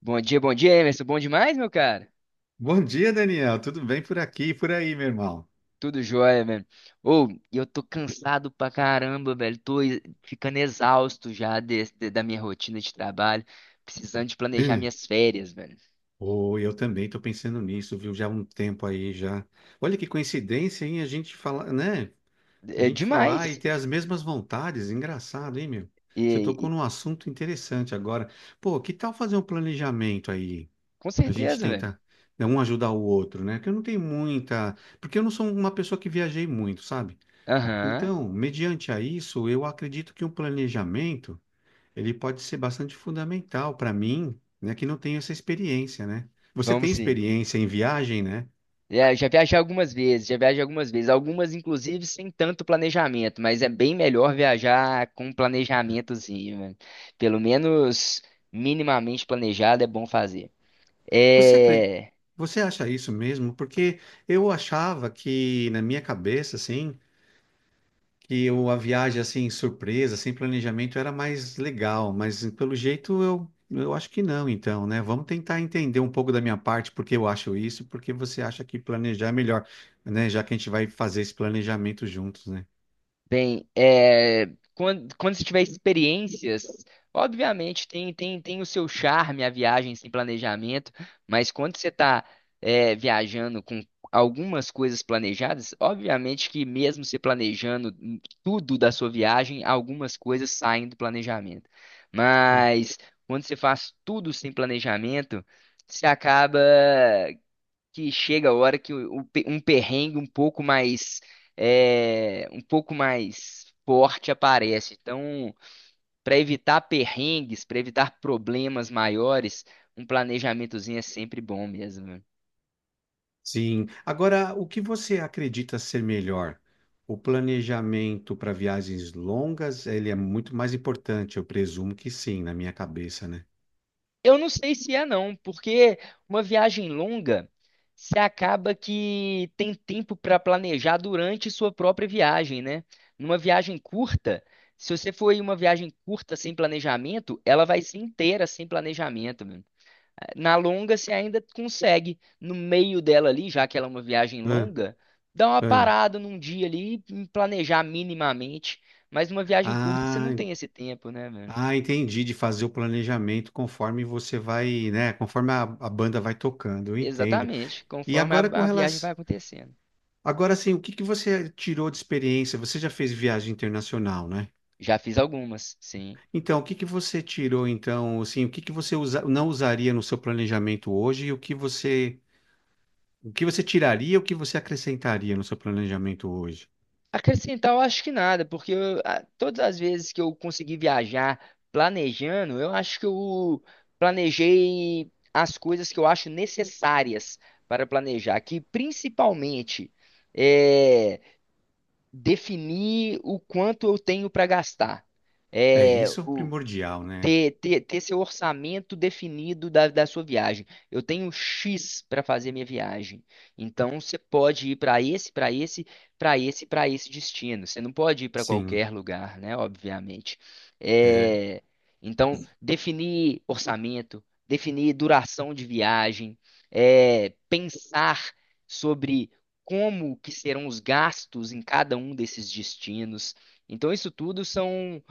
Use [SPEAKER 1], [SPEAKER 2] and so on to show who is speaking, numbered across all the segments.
[SPEAKER 1] Bom dia, Emerson. Bom demais, meu cara?
[SPEAKER 2] Bom dia, Daniel. Tudo bem por aqui e por aí, meu irmão?
[SPEAKER 1] Tudo jóia, velho. Ô, e eu tô cansado pra caramba, velho. Ficando exausto já da minha rotina de trabalho, precisando de planejar
[SPEAKER 2] Hum.
[SPEAKER 1] minhas férias, velho.
[SPEAKER 2] Oh, eu também estou pensando nisso, viu? Já há um tempo aí já. Olha que coincidência, hein? A gente falar, né? A
[SPEAKER 1] É
[SPEAKER 2] gente
[SPEAKER 1] demais.
[SPEAKER 2] falar e ter as mesmas vontades. Engraçado, hein, meu?
[SPEAKER 1] E,
[SPEAKER 2] Você tocou
[SPEAKER 1] e-
[SPEAKER 2] num assunto interessante agora. Pô, que tal fazer um planejamento aí?
[SPEAKER 1] com
[SPEAKER 2] A gente
[SPEAKER 1] certeza, velho.
[SPEAKER 2] tenta, né, um ajudar o outro, né? Que eu não tenho muita, porque eu não sou uma pessoa que viajei muito, sabe?
[SPEAKER 1] Aham,
[SPEAKER 2] Então, mediante a isso, eu acredito que um planejamento ele pode ser bastante fundamental para mim, né, que não tenho essa experiência, né? Você
[SPEAKER 1] vamos
[SPEAKER 2] tem
[SPEAKER 1] sim.
[SPEAKER 2] experiência em viagem, né?
[SPEAKER 1] É, eu já viajei algumas vezes, algumas inclusive sem tanto planejamento, mas é bem melhor viajar com um planejamentozinho, velho. Pelo menos minimamente planejado é bom fazer.
[SPEAKER 2] Você acre-
[SPEAKER 1] É,
[SPEAKER 2] Você acha isso mesmo? Porque eu achava que na minha cabeça, assim, que eu, a viagem assim surpresa, sem planejamento era mais legal, mas pelo jeito eu acho que não, então, né? Vamos tentar entender um pouco da minha parte porque eu acho isso, porque você acha que planejar é melhor, né? Já que a gente vai fazer esse planejamento juntos, né?
[SPEAKER 1] bem, é, quando se tiver experiências, obviamente tem o seu charme a viagem sem planejamento, mas quando você está viajando com algumas coisas planejadas, obviamente que mesmo se planejando tudo da sua viagem, algumas coisas saem do planejamento. Mas quando você faz tudo sem planejamento, você acaba que chega a hora que um perrengue um pouco mais, um pouco mais forte aparece. Então, para evitar perrengues, para evitar problemas maiores, um planejamentozinho é sempre bom mesmo, né?
[SPEAKER 2] Sim. Agora, o que você acredita ser melhor? O planejamento para viagens longas, ele é muito mais importante, eu presumo que sim, na minha cabeça, né?
[SPEAKER 1] Eu não sei se é não, porque uma viagem longa, você acaba que tem tempo para planejar durante sua própria viagem, né? Numa viagem curta, se você for em uma viagem curta sem planejamento, ela vai ser inteira sem planejamento. Na longa, você ainda consegue, no meio dela ali, já que ela é uma viagem
[SPEAKER 2] Hã?
[SPEAKER 1] longa, dar uma
[SPEAKER 2] Hã?
[SPEAKER 1] parada num dia ali e planejar minimamente. Mas numa viagem curta, você
[SPEAKER 2] Ah,
[SPEAKER 1] não
[SPEAKER 2] en-
[SPEAKER 1] tem esse tempo, né, mano?
[SPEAKER 2] ah, entendi, de fazer o planejamento conforme você vai, né? Conforme a banda vai tocando, eu entendo.
[SPEAKER 1] Exatamente,
[SPEAKER 2] E
[SPEAKER 1] conforme
[SPEAKER 2] agora com
[SPEAKER 1] a viagem vai
[SPEAKER 2] relação,
[SPEAKER 1] acontecendo.
[SPEAKER 2] agora sim, o que que você tirou de experiência? Você já fez viagem internacional, né?
[SPEAKER 1] Já fiz algumas, sim.
[SPEAKER 2] Então, o que que você tirou, então, assim, o que que você não usaria no seu planejamento hoje e o que você tiraria e o que você acrescentaria no seu planejamento hoje?
[SPEAKER 1] Acrescentar, eu acho que nada, porque todas as vezes que eu consegui viajar planejando, eu acho que eu planejei as coisas que eu acho necessárias para planejar, que principalmente é definir o quanto eu tenho para gastar.
[SPEAKER 2] É,
[SPEAKER 1] É,
[SPEAKER 2] isso é o
[SPEAKER 1] o,
[SPEAKER 2] primordial, né?
[SPEAKER 1] ter seu orçamento definido da sua viagem. Eu tenho um X para fazer minha viagem. Então você pode ir para esse destino. Você não pode ir para
[SPEAKER 2] Sim,
[SPEAKER 1] qualquer lugar, né? Obviamente.
[SPEAKER 2] é.
[SPEAKER 1] É. Então, definir orçamento, definir duração de viagem, é, pensar sobre como que serão os gastos em cada um desses destinos. Então, isso tudo são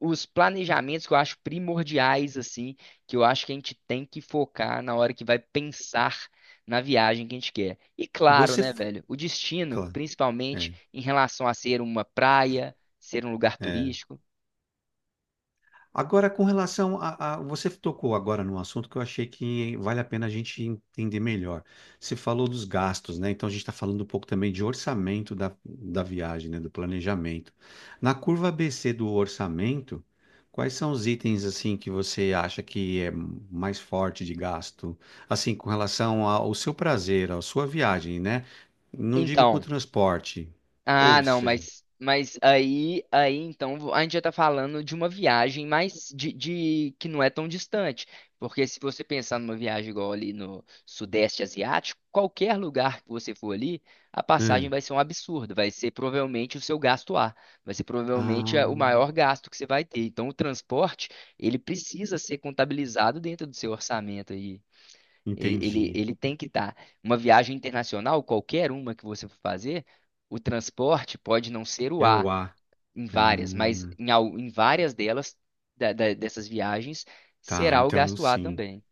[SPEAKER 1] os planejamentos que eu acho primordiais, assim, que eu acho que a gente tem que focar na hora que vai pensar na viagem que a gente quer. E claro,
[SPEAKER 2] Você,
[SPEAKER 1] né,
[SPEAKER 2] f-
[SPEAKER 1] velho, o destino,
[SPEAKER 2] claro,
[SPEAKER 1] principalmente
[SPEAKER 2] é.
[SPEAKER 1] em relação a ser uma praia, ser um lugar
[SPEAKER 2] É.
[SPEAKER 1] turístico.
[SPEAKER 2] Agora, com relação Você tocou agora num assunto que eu achei que vale a pena a gente entender melhor. Você falou dos gastos, né? Então, a gente está falando um pouco também de orçamento da viagem, né? Do planejamento. Na curva ABC do orçamento, quais são os itens, assim, que você acha que é mais forte de gasto? Assim, com relação ao seu prazer, à sua viagem, né? Não digo com o
[SPEAKER 1] Então,
[SPEAKER 2] transporte.
[SPEAKER 1] ah,
[SPEAKER 2] Ou
[SPEAKER 1] não,
[SPEAKER 2] seja...
[SPEAKER 1] mas aí então a gente já tá falando de uma viagem mais que não é tão distante. Porque se você pensar numa viagem igual ali no Sudeste Asiático, qualquer lugar que você for ali, a passagem
[SPEAKER 2] hum,
[SPEAKER 1] vai ser um absurdo. Vai ser provavelmente o seu gasto A. Vai ser provavelmente
[SPEAKER 2] Ah,
[SPEAKER 1] o maior gasto que você vai ter. Então o transporte, ele precisa ser contabilizado dentro do seu orçamento, ele, ele,
[SPEAKER 2] entendi.
[SPEAKER 1] ele tem que estar. Uma viagem internacional, qualquer uma que você for fazer, o transporte pode não ser o
[SPEAKER 2] É
[SPEAKER 1] A
[SPEAKER 2] o A.
[SPEAKER 1] em várias, mas
[SPEAKER 2] Ah,
[SPEAKER 1] em, em várias delas, dessas viagens,
[SPEAKER 2] tá,
[SPEAKER 1] será o
[SPEAKER 2] então
[SPEAKER 1] gasto A
[SPEAKER 2] sim.
[SPEAKER 1] também.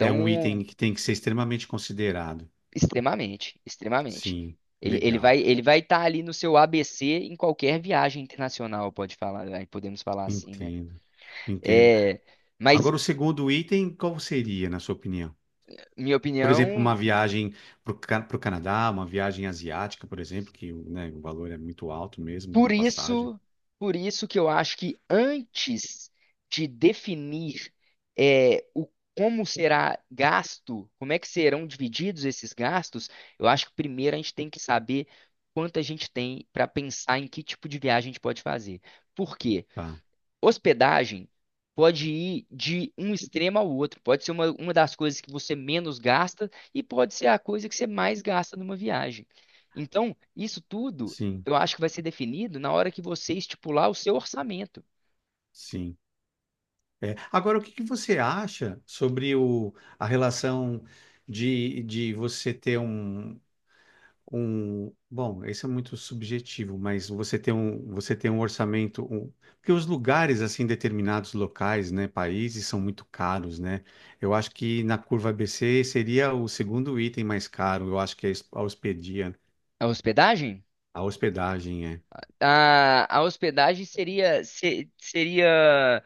[SPEAKER 2] É um item que tem que ser extremamente considerado.
[SPEAKER 1] extremamente, extremamente.
[SPEAKER 2] Sim,
[SPEAKER 1] Ele, ele
[SPEAKER 2] legal.
[SPEAKER 1] vai, ele vai estar ali no seu ABC em qualquer viagem internacional, pode falar, aí podemos falar assim, né?
[SPEAKER 2] Entendo, entendo.
[SPEAKER 1] É, mas
[SPEAKER 2] Agora, o segundo item, qual seria, na sua opinião?
[SPEAKER 1] minha
[SPEAKER 2] Por exemplo, uma
[SPEAKER 1] opinião,
[SPEAKER 2] viagem para o Canadá, uma viagem asiática, por exemplo, que né, o valor é muito alto mesmo
[SPEAKER 1] por
[SPEAKER 2] da passagem.
[SPEAKER 1] isso, por isso que eu acho que antes de definir é, o como será gasto, como é que serão divididos esses gastos, eu acho que primeiro a gente tem que saber quanto a gente tem para pensar em que tipo de viagem a gente pode fazer. Por quê?
[SPEAKER 2] Tá,
[SPEAKER 1] Hospedagem pode ir de um extremo ao outro. Pode ser uma das coisas que você menos gasta e pode ser a coisa que você mais gasta numa viagem. Então, isso tudo
[SPEAKER 2] sim,
[SPEAKER 1] eu acho que vai ser definido na hora que você estipular o seu orçamento.
[SPEAKER 2] sim. É. Agora, o que que você acha sobre o, a relação de você ter um. Um, bom, isso é muito subjetivo, mas você tem um orçamento, porque os lugares assim, determinados locais, né, países são muito caros, né? Eu acho que na curva ABC seria o segundo item mais caro, eu acho que a hospedia,
[SPEAKER 1] A hospedagem?
[SPEAKER 2] a hospedagem é.
[SPEAKER 1] A hospedagem seria, se- seria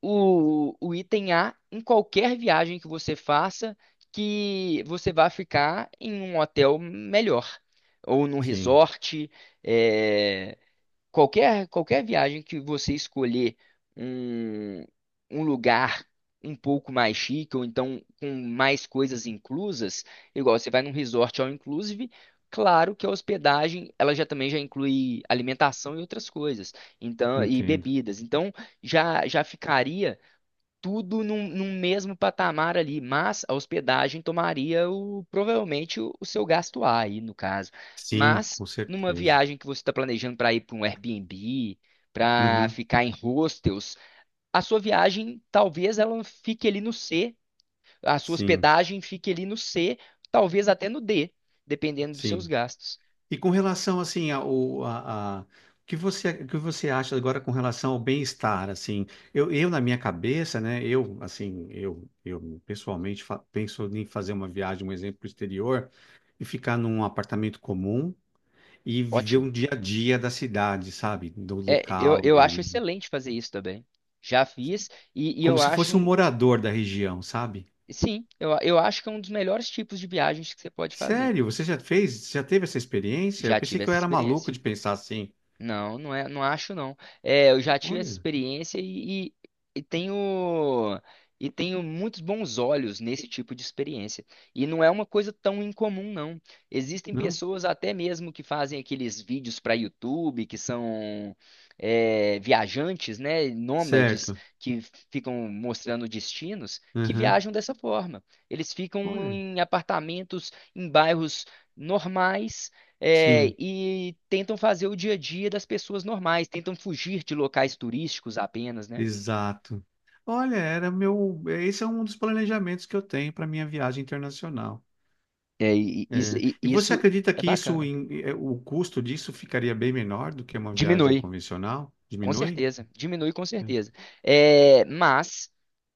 [SPEAKER 1] o item A em qualquer viagem que você faça, que você vá ficar em um hotel melhor, ou num
[SPEAKER 2] Sim,
[SPEAKER 1] resort. É, qualquer viagem que você escolher um, um lugar um pouco mais chique, ou então com mais coisas inclusas, igual você vai num resort all inclusive. Claro que a hospedagem, ela já também já inclui alimentação e outras coisas, então e
[SPEAKER 2] entendo.
[SPEAKER 1] bebidas. Então, já ficaria tudo num, num mesmo patamar ali, mas a hospedagem tomaria provavelmente o seu gasto A aí, no caso.
[SPEAKER 2] Sim,
[SPEAKER 1] Mas
[SPEAKER 2] com
[SPEAKER 1] numa
[SPEAKER 2] certeza.
[SPEAKER 1] viagem que você está planejando para ir para um Airbnb, para
[SPEAKER 2] Uhum,
[SPEAKER 1] ficar em hostels, a sua viagem talvez ela fique ali no C, a sua
[SPEAKER 2] sim,
[SPEAKER 1] hospedagem fique ali no C, talvez até no D, dependendo dos seus
[SPEAKER 2] sim.
[SPEAKER 1] gastos.
[SPEAKER 2] E com relação assim ao o que você acha agora com relação ao bem-estar assim eu na minha cabeça né eu assim eu pessoalmente penso em fazer uma viagem um exemplo pro exterior e ficar num apartamento comum e viver
[SPEAKER 1] Ótimo.
[SPEAKER 2] um dia a dia da cidade sabe do local
[SPEAKER 1] Eu
[SPEAKER 2] e
[SPEAKER 1] acho
[SPEAKER 2] ali
[SPEAKER 1] excelente fazer isso também. Já fiz e,
[SPEAKER 2] como
[SPEAKER 1] eu
[SPEAKER 2] se
[SPEAKER 1] acho
[SPEAKER 2] fosse um
[SPEAKER 1] um...
[SPEAKER 2] morador da região sabe
[SPEAKER 1] Sim, eu acho que é um dos melhores tipos de viagens que você pode fazer.
[SPEAKER 2] sério você já fez já teve essa experiência eu
[SPEAKER 1] Já
[SPEAKER 2] pensei
[SPEAKER 1] tive
[SPEAKER 2] que eu
[SPEAKER 1] essa
[SPEAKER 2] era maluco
[SPEAKER 1] experiência.
[SPEAKER 2] de pensar assim
[SPEAKER 1] Não, não é, não acho não. É, eu já tive essa
[SPEAKER 2] olha
[SPEAKER 1] experiência e, e tenho, e tenho muitos bons olhos nesse tipo de experiência. E não é uma coisa tão incomum, não. Existem
[SPEAKER 2] não
[SPEAKER 1] pessoas até mesmo que fazem aqueles vídeos para YouTube, que são, é, viajantes, né, nômades
[SPEAKER 2] certo.
[SPEAKER 1] que ficam mostrando destinos, que
[SPEAKER 2] Aham.
[SPEAKER 1] viajam dessa forma. Eles ficam
[SPEAKER 2] Olha.
[SPEAKER 1] em apartamentos, em bairros normais, é,
[SPEAKER 2] Sim,
[SPEAKER 1] e tentam fazer o dia a dia das pessoas normais, tentam fugir de locais turísticos apenas, né?
[SPEAKER 2] exato. Olha, era meu. Esse é um dos planejamentos que eu tenho para minha viagem internacional. É, E você
[SPEAKER 1] Isso
[SPEAKER 2] acredita
[SPEAKER 1] é
[SPEAKER 2] que isso,
[SPEAKER 1] bacana.
[SPEAKER 2] o custo disso ficaria bem menor do que uma viagem
[SPEAKER 1] Diminui,
[SPEAKER 2] convencional?
[SPEAKER 1] com
[SPEAKER 2] Diminui?
[SPEAKER 1] certeza. Diminui com
[SPEAKER 2] É.
[SPEAKER 1] certeza. É, mas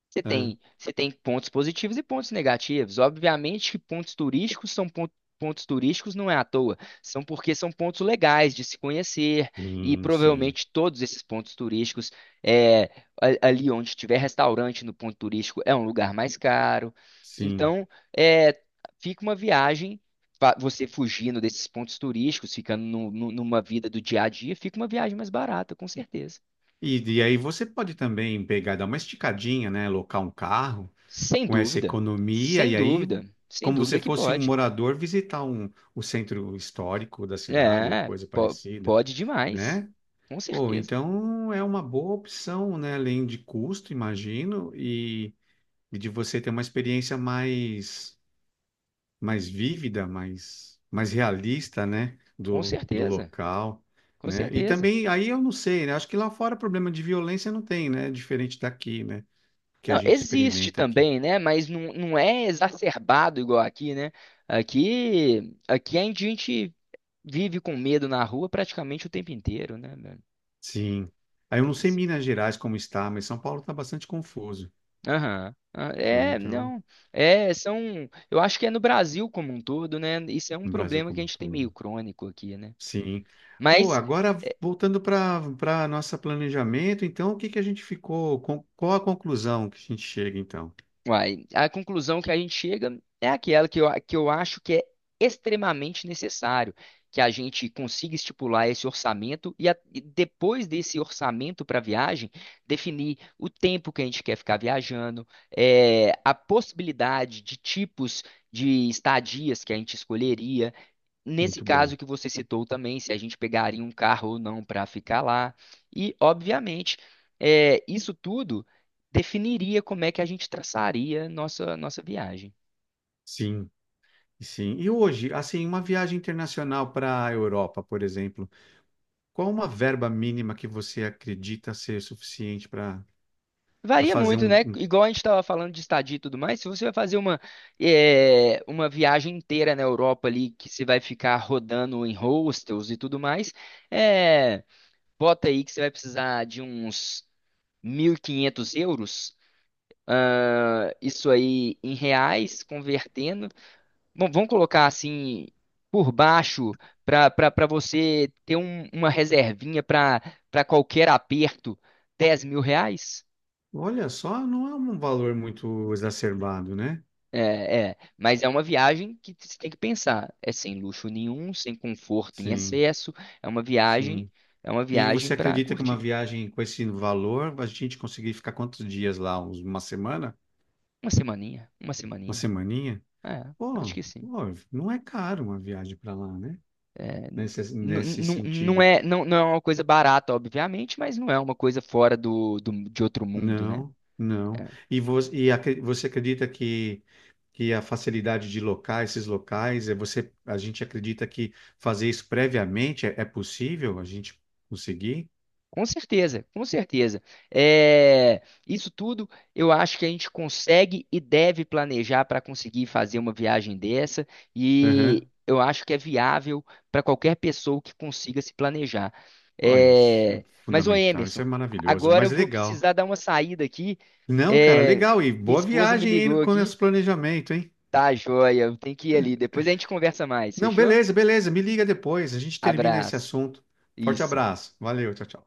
[SPEAKER 1] você
[SPEAKER 2] Ah,
[SPEAKER 1] tem, você tem pontos positivos e pontos negativos. Obviamente que pontos turísticos não é à toa, são porque são pontos legais de se conhecer, e
[SPEAKER 2] Sim, sim,
[SPEAKER 1] provavelmente todos esses pontos turísticos é, ali onde tiver restaurante no ponto turístico é um lugar mais caro.
[SPEAKER 2] sim.
[SPEAKER 1] Então, é, fica uma viagem, você fugindo desses pontos turísticos, ficando numa vida do dia a dia, fica uma viagem mais barata, com certeza.
[SPEAKER 2] E aí você pode também pegar, dar uma esticadinha, né? Alocar um carro
[SPEAKER 1] Sem
[SPEAKER 2] com essa
[SPEAKER 1] dúvida,
[SPEAKER 2] economia
[SPEAKER 1] sem
[SPEAKER 2] e aí,
[SPEAKER 1] dúvida, sem
[SPEAKER 2] como
[SPEAKER 1] dúvida
[SPEAKER 2] você
[SPEAKER 1] que
[SPEAKER 2] fosse um
[SPEAKER 1] pode.
[SPEAKER 2] morador, visitar um, o centro histórico da cidade ou coisa parecida,
[SPEAKER 1] Pode demais.
[SPEAKER 2] né?
[SPEAKER 1] Com
[SPEAKER 2] Pô,
[SPEAKER 1] certeza,
[SPEAKER 2] então é uma boa opção, né? Além de custo, imagino, e de você ter uma experiência mais, mais vívida, mais, mais realista, né?
[SPEAKER 1] com
[SPEAKER 2] Do
[SPEAKER 1] certeza,
[SPEAKER 2] local,
[SPEAKER 1] com
[SPEAKER 2] né? E
[SPEAKER 1] certeza.
[SPEAKER 2] também, aí eu não sei, né? Acho que lá fora problema de violência não tem, né? Diferente daqui, né? Que a
[SPEAKER 1] Não,
[SPEAKER 2] gente
[SPEAKER 1] existe
[SPEAKER 2] experimenta aqui.
[SPEAKER 1] também, né? Mas não, não é exacerbado igual aqui, né? Aqui a gente vive com medo na rua praticamente o tempo inteiro, né, velho?
[SPEAKER 2] Sim. Aí eu não sei
[SPEAKER 1] Isso.
[SPEAKER 2] Minas Gerais como está, mas São Paulo está bastante confuso,
[SPEAKER 1] Aham. Ah,
[SPEAKER 2] né?
[SPEAKER 1] é,
[SPEAKER 2] Então,
[SPEAKER 1] não. É, são. Eu acho que é no Brasil como um todo, né? Isso é um
[SPEAKER 2] no Brasil
[SPEAKER 1] problema que a
[SPEAKER 2] como um
[SPEAKER 1] gente tem meio
[SPEAKER 2] todo.
[SPEAKER 1] crônico aqui, né?
[SPEAKER 2] Sim. Pô,
[SPEAKER 1] Mas...
[SPEAKER 2] agora voltando para nosso planejamento, então o que que a gente ficou, qual a conclusão que a gente chega então?
[SPEAKER 1] Uai, a conclusão que a gente chega é aquela que que eu acho que é extremamente necessário que a gente consiga estipular esse orçamento e, e depois desse orçamento para a viagem, definir o tempo que a gente quer ficar viajando, eh, a possibilidade de tipos de estadias que a gente escolheria. Nesse
[SPEAKER 2] Muito
[SPEAKER 1] caso
[SPEAKER 2] bom.
[SPEAKER 1] que você citou também, se a gente pegaria um carro ou não para ficar lá. E, obviamente, é, isso tudo definiria como é que a gente traçaria nossa viagem.
[SPEAKER 2] Sim, sim. E hoje, assim, uma viagem internacional para a Europa, por exemplo, qual uma verba mínima que você acredita ser suficiente para para
[SPEAKER 1] Varia
[SPEAKER 2] fazer
[SPEAKER 1] muito, né? Igual a gente estava falando de estadia e tudo mais, se você vai fazer uma viagem inteira na Europa ali, que você vai ficar rodando em hostels e tudo mais, é, bota aí que você vai precisar de uns 1.500 euros, ah, isso aí em reais, convertendo. Bom, vamos colocar assim por baixo para, para você ter uma reservinha para, para qualquer aperto, 10.000 reais?
[SPEAKER 2] Olha só, não é um valor muito exacerbado, né?
[SPEAKER 1] É, é, mas é uma viagem que você tem que pensar. É sem luxo nenhum, sem conforto em
[SPEAKER 2] Sim,
[SPEAKER 1] excesso. É uma viagem,
[SPEAKER 2] sim.
[SPEAKER 1] é uma
[SPEAKER 2] E você
[SPEAKER 1] viagem para
[SPEAKER 2] acredita que uma
[SPEAKER 1] curtir.
[SPEAKER 2] viagem com esse valor, a gente conseguir ficar quantos dias lá? Uma semana?
[SPEAKER 1] Uma semaninha, uma
[SPEAKER 2] Uma
[SPEAKER 1] semaninha.
[SPEAKER 2] semaninha?
[SPEAKER 1] É, acho
[SPEAKER 2] Pô,
[SPEAKER 1] que sim.
[SPEAKER 2] pô, não é caro uma viagem para lá, né?
[SPEAKER 1] É.
[SPEAKER 2] Nesse, nesse
[SPEAKER 1] Não
[SPEAKER 2] sentido.
[SPEAKER 1] é, não é uma coisa barata, obviamente, mas não é uma coisa fora de outro mundo, né?
[SPEAKER 2] Não, não.
[SPEAKER 1] É,
[SPEAKER 2] Você acredita que a facilidade de locais, esses locais, é você, a gente acredita que fazer isso previamente é, é possível a gente conseguir?
[SPEAKER 1] com certeza, com certeza. É, isso tudo eu acho que a gente consegue e deve planejar para conseguir fazer uma viagem dessa, e
[SPEAKER 2] Aham.
[SPEAKER 1] eu acho que é viável para qualquer pessoa que consiga se planejar.
[SPEAKER 2] Pô, isso é
[SPEAKER 1] É, mas, ô
[SPEAKER 2] fundamental, isso
[SPEAKER 1] Emerson,
[SPEAKER 2] é maravilhoso,
[SPEAKER 1] agora
[SPEAKER 2] mas
[SPEAKER 1] eu vou
[SPEAKER 2] legal.
[SPEAKER 1] precisar dar uma saída aqui.
[SPEAKER 2] Não, cara,
[SPEAKER 1] É,
[SPEAKER 2] legal. E
[SPEAKER 1] minha
[SPEAKER 2] boa
[SPEAKER 1] esposa me
[SPEAKER 2] viagem aí
[SPEAKER 1] ligou
[SPEAKER 2] com
[SPEAKER 1] aqui.
[SPEAKER 2] esse planejamento, hein?
[SPEAKER 1] Tá joia, eu tenho que ir ali. Depois a gente conversa mais,
[SPEAKER 2] Não,
[SPEAKER 1] fechou?
[SPEAKER 2] beleza, beleza. Me liga depois. A gente termina esse
[SPEAKER 1] Abraço.
[SPEAKER 2] assunto. Forte
[SPEAKER 1] Isso.
[SPEAKER 2] abraço. Valeu, tchau, tchau.